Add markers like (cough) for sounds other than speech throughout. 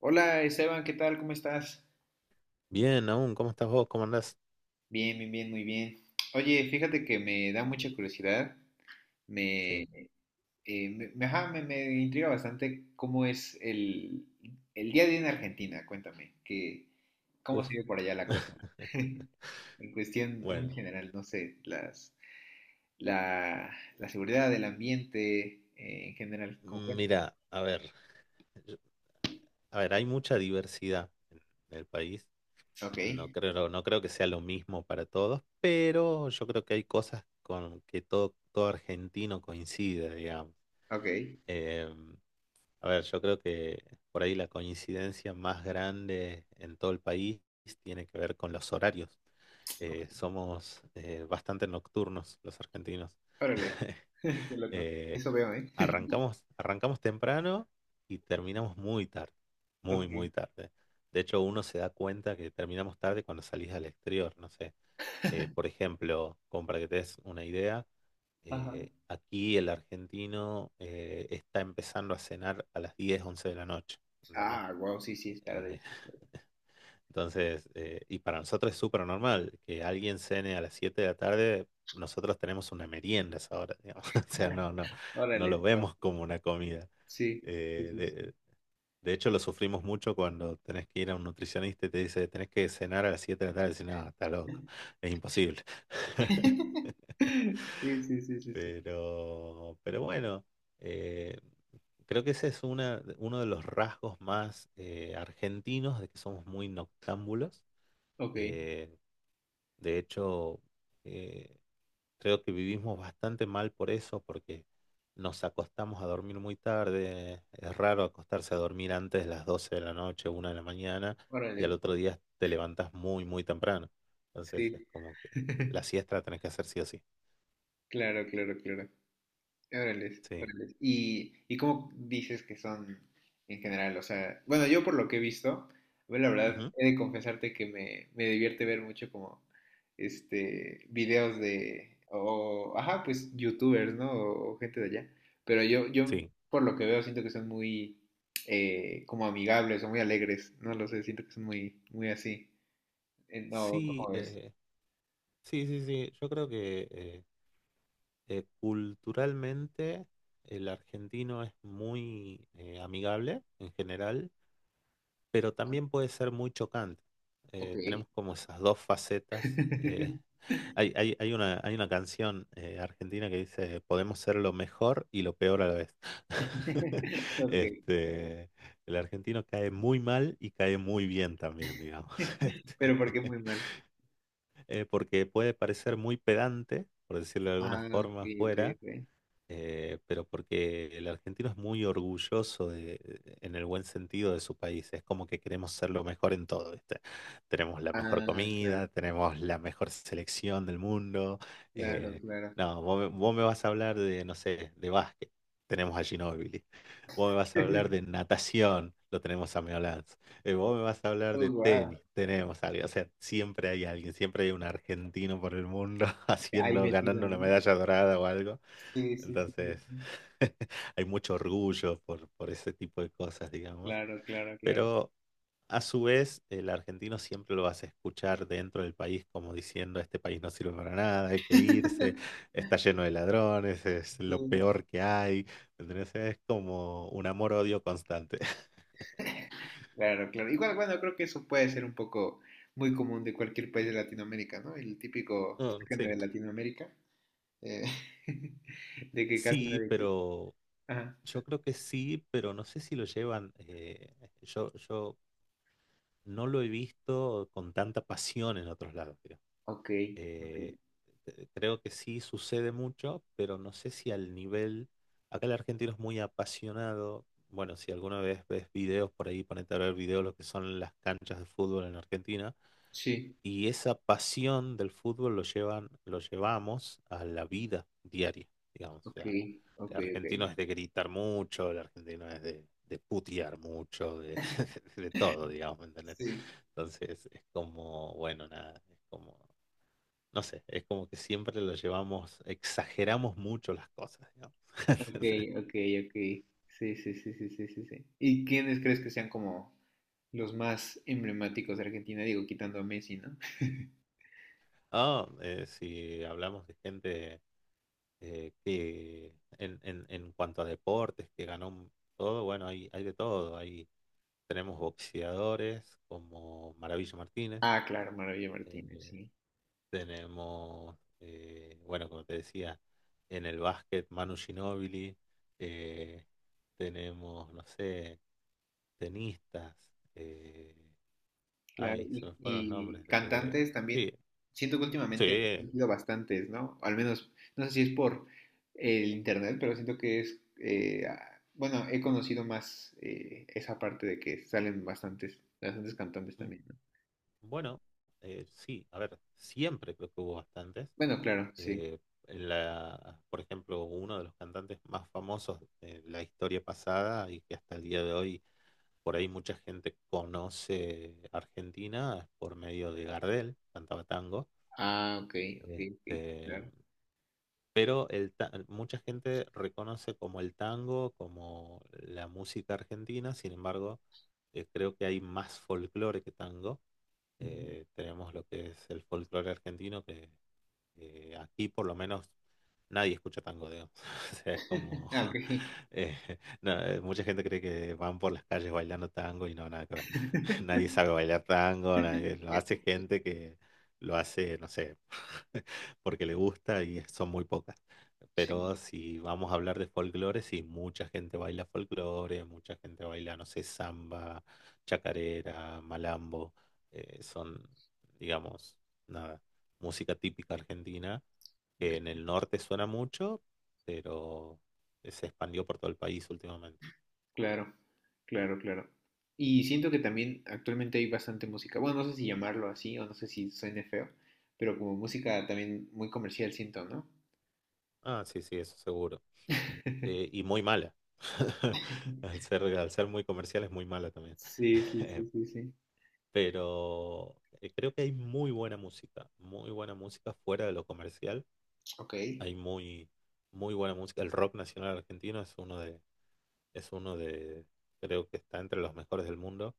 Hola Esteban, ¿qué tal? ¿Cómo estás? Bien, aún, ¿cómo estás vos? ¿Cómo andás? Bien, bien, bien, muy bien. Oye, fíjate que me da mucha curiosidad, me, Sí, me intriga bastante cómo es el día a día en Argentina, cuéntame, ¿cómo se uf. ve por allá la cosa? (laughs) (laughs) En cuestión muy Bueno, general, no sé, la, la seguridad del ambiente en general, ¿cómo cuéntame? mira, a ver, yo- a ver, hay mucha diversidad en el país. Ok, No creo que sea lo mismo para todos, pero yo creo que hay cosas con que todo argentino coincide, digamos. ok, Em, A ver, yo creo que por ahí la coincidencia más grande en todo el país tiene que ver con los horarios. ok, Somos bastante nocturnos los argentinos. órale, (laughs) (laughs) qué loco, Eh, eso veo, ¿eh? arrancamos temprano y terminamos muy tarde, muy, Ok, muy tarde. De hecho, uno se da cuenta que terminamos tarde cuando salís al exterior, no sé. Por ejemplo, como para que te des una idea, ajá. Aquí el argentino está empezando a cenar a las 10 11 de la noche. ¿Entendés? Ah, wow, sí, sí, es Eh, tarde. entonces, y para nosotros es súper normal que alguien cene a las 7 de la tarde. Nosotros tenemos una merienda a esa hora, digamos. (laughs) O sea, no, no, no lo Órale, (laughs) no. vemos como una comida. Sí, sí, Eh, sí, sí. de, de hecho, lo sufrimos mucho cuando tenés que ir a un nutricionista y te dice, tenés que cenar a las 7 de la tarde. Y decís, no, está loco, es imposible. (laughs) (laughs) Sí, sí, sí, sí, sí. Pero bueno, eh, creo que ese es uno de los rasgos más argentinos, de que somos muy noctámbulos. Ok, Eh, de hecho, eh, creo que vivimos bastante mal por eso, porque nos acostamos a dormir muy tarde. Es raro acostarse a dormir antes de las 12 de la noche, 1 de la mañana, y órale, al otro wow. día te levantas muy, muy temprano. Entonces es Sí. como que la (laughs) siesta la tenés que hacer sí o sí. Claro, claro, claro. Órales, Sí. órales. Y cómo dices que son en general? O sea, bueno, yo por lo que he visto, bueno, la verdad, Ujú. he de confesarte que me divierte ver mucho como, este, videos ajá, pues, youtubers, ¿no? O gente de allá. Pero yo, Sí. por lo que veo, siento que son muy, como amigables o muy alegres. No lo sé, siento que son muy así. No, Sí, ¿cómo ves? eh, sí, sí, sí. Yo creo que culturalmente el argentino es muy amigable en general, pero Ah, también puede ser muy chocante. ok. Tenemos como esas dos facetas. eh, (laughs) hay, hay, hay una, hay una canción argentina que dice, podemos ser lo mejor y lo peor a la vez. (laughs) (laughs) Ok. Este, el argentino cae muy mal y cae muy bien también, digamos. (laughs) Pero (laughs) porque es muy mal. Porque puede parecer muy pedante, por decirlo de alguna Ah, ok, forma, ok, afuera, ok. Pero porque el argentino es muy orgulloso de, en el buen sentido de su país, es como que queremos ser lo mejor en todo, ¿viste? Tenemos la mejor Ah, claro, comida, tenemos la mejor selección del mundo. claro, eh, claro. no, vos me vas a hablar de, no sé, de básquet, tenemos a Ginóbili. Vos me vas a hablar de (laughs) natación, lo tenemos a Meo Lanz. Vos me vas a hablar de Oh, wow. tenis, tenemos a alguien. O sea, siempre hay alguien, siempre hay un argentino por el mundo (laughs) Ahí haciendo, metido, ganando una ¿no? medalla dorada o algo. Sí, sí, sí, sí, Entonces, sí. (laughs) hay mucho orgullo por, ese tipo de cosas, digamos. Claro, claro, claro. Pero a su vez, el argentino siempre lo vas a escuchar dentro del país como diciendo, este país no sirve para nada, hay que irse, está lleno de ladrones, es lo Sí. peor que hay. Entonces, es como un amor-odio constante. (laughs) Claro, claro. Igual, bueno, creo que eso puede ser un poco muy común de cualquier país de Latinoamérica, ¿no? El típico Mm, sacan de sí. Latinoamérica, eh, (laughs) de que casi Sí, nadie cree. pero Ajá. yo creo que sí, pero no sé si lo llevan, yo no lo he visto con tanta pasión en otros lados, Ok, ok. eh, creo que sí sucede mucho, pero no sé si al nivel, acá el argentino es muy apasionado, bueno, si alguna vez ves videos por ahí, ponete a ver videos lo que son las canchas de fútbol en Argentina, Sí, y esa pasión del fútbol lo llevan, lo llevamos a la vida diaria, digamos, o ok, sea, ok, el argentino ok. es de gritar mucho, el argentino es de putear mucho, de, (laughs) (laughs) de todo, digamos, ¿me ¿entendés? Sí, Entonces es como, bueno, nada, es como... No sé, es como que siempre lo llevamos, exageramos mucho las cosas, ¿no? ok, (laughs) ok, ok. Sí, sí, sí, sí, sí, sí, sí. ¿Y quiénes crees que sean como los más emblemáticos de Argentina? Digo, quitando a Messi, ¿no? Ah, si hablamos de gente que en cuanto a deportes, que ganó todo, bueno, hay de todo. Tenemos boxeadores como Maravilla Martínez, Ah, claro, Maravilla Martínez, eh, sí. tenemos, bueno, como te decía, en el básquet Manu Ginóbili, eh, tenemos, no sé, tenistas. eh, Claro. Ay, se me fueron los Y nombres. Cantantes también. Sí, Siento que últimamente han sí. surgido bastantes, ¿no? Al menos, no sé si es por el internet, pero siento que es, bueno, he conocido más esa parte de que salen bastantes, bastantes cantantes mm, también, ¿no? Bueno, sí, a ver, siempre creo que hubo bastantes. Bueno, claro, sí. eh, en la, por ejemplo, uno de los cantantes más famosos de la historia pasada y que hasta el día de hoy por ahí mucha gente conoce Argentina es por medio de Gardel, cantaba tango. Ah, ok, ok, ok, Este, claro. Pero mucha gente reconoce como el tango, como la música argentina, sin embargo, creo que hay más folclore que tango. Ujú. Tenemos lo que es el folclore argentino, que aquí por lo menos nadie escucha tango, digamos. (laughs) O sea, es (laughs) como... Ah, (laughs) ok. eh, no, mucha gente cree que van por las calles bailando tango y no, nada que ver. (laughs) Nadie (laughs) sabe bailar tango, lo Ya, hace ok, gente que lo hace, no sé, (laughs) porque le gusta y son muy pocas. sí, Pero si vamos a hablar de folclore, sí, mucha gente baila folclore, mucha gente baila, no sé, samba, chacarera, malambo, son, digamos... nada, música típica argentina, ok, que en el norte suena mucho, pero se expandió por todo el país últimamente. claro, claro, claro. Y siento que también actualmente hay bastante música, bueno, no sé si llamarlo así o no sé si suene feo, pero como música también muy comercial siento, ¿no? Ah, sí, sí, eso seguro. Y muy mala. (laughs) Al ser muy comercial es muy mala también. Sí, sí, sí, sí, (laughs) sí. Pero creo que hay muy buena música fuera de lo comercial. Ok, Hay muy, muy buena música. El rock nacional argentino es uno de, creo que está entre los mejores del mundo.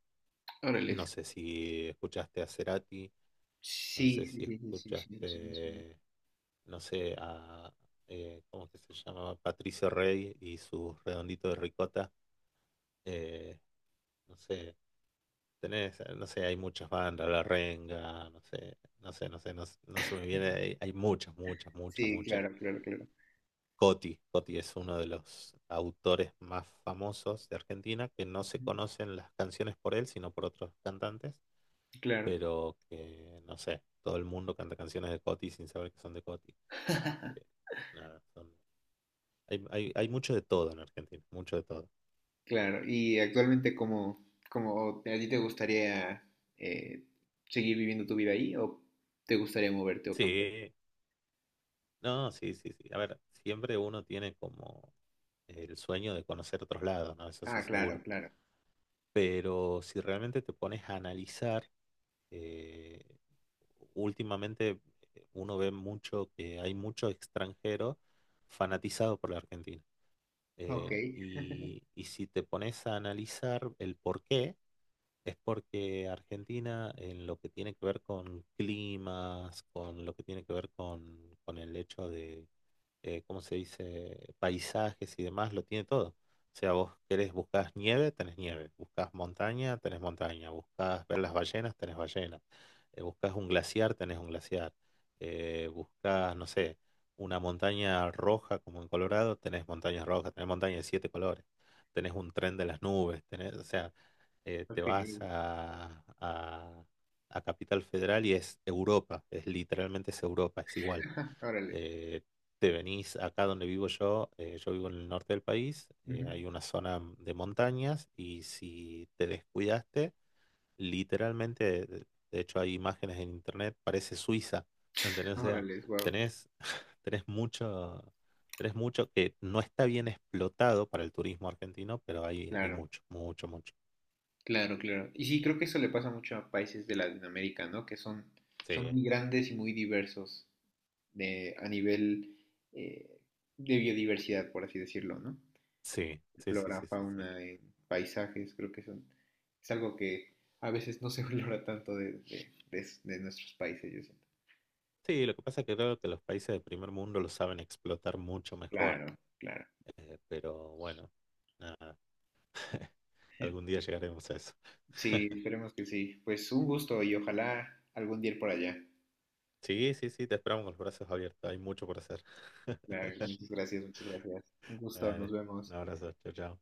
órale. No sé si escuchaste a Cerati. No Sí, sé sí, si sí, sí, sí, sí, sí, me suena. escuchaste, no sé, a, ¿cómo que se llamaba? Patricio Rey y su redondito de ricota. Eh, no sé, tenés, no sé, hay muchas bandas, La Renga, no sé, no sé, no sé, no, no se me viene, hay muchas, muchas, muchas, Sí, muchas. claro, claro, claro. Coti, Coti es uno de los autores más famosos de Argentina, que no se Ujú. conocen las canciones por él, sino por otros cantantes, Claro, pero que, no sé, todo el mundo canta canciones de Coti sin saber que son de Coti. Nada, hay mucho de todo en Argentina, mucho de todo. claro. Y actualmente, ¿cómo, cómo a ti te gustaría eh, seguir viviendo tu vida ahí o te gustaría moverte o cambiar? Sí, no, sí, sí, sí. A ver, siempre uno tiene como el sueño de conocer otros lados, ¿no? Eso sí, Ah, claro, seguro. claro. Pero si realmente te pones a analizar, eh, últimamente uno ve mucho que hay mucho extranjero fanatizado por la Argentina. Ok, Y si te pones a analizar el porqué, es porque Argentina, en lo que tiene que ver con climas, con lo que tiene que ver con, el hecho de, ¿cómo se dice?, paisajes y demás, lo tiene todo. O sea, vos querés, buscas nieve, tenés nieve. Buscas montaña, tenés montaña. Buscas ver las ballenas, tenés ballenas. Buscas un glaciar, tenés un glaciar. Buscas, no sé, una montaña roja como en Colorado, tenés montañas rojas, tenés montañas de siete colores. Tenés un tren de las nubes, tenés, o sea, te ok. vas a Capital Federal y es Europa, es literalmente es Europa, es igual. (laughs) Órale. Eh, Te venís acá donde vivo yo, yo vivo en el norte del país, Ujú. hay una zona de montañas y si te descuidaste, literalmente, de hecho hay imágenes en internet, parece Suiza, ¿me entendés? O sea, Órale, wow. tenés, (laughs) tenés mucho... Tenés mucho que no está bien explotado para el turismo argentino, pero hay Claro, mucho, mucho, mucho. claro, claro. Y sí, creo que eso le pasa mucho a países de Latinoamérica, ¿no? Son Sí. muy grandes y muy diversos a nivel eh, de biodiversidad, por así decirlo, ¿no? Sí, sí, sí, Flora, sí, sí, sí. fauna, paisajes, creo que son, es algo que a veces no se (laughs) valora tanto de nuestros países, yo siento. Sí, lo que pasa es que creo que los países del primer mundo lo saben explotar mucho mejor, Claro, claro. Pero bueno, nada, (laughs) algún (laughs) día llegaremos a eso. Sí, (laughs) esperemos que sí. Pues un gusto y ojalá algún día ir por allá. Sí, sí, sí, te esperamos con los brazos abiertos, hay mucho por hacer. (laughs) Claro, muchas gracias, muchas gracias. Un gusto, nos Dale, un vemos. abrazo, chao, chao.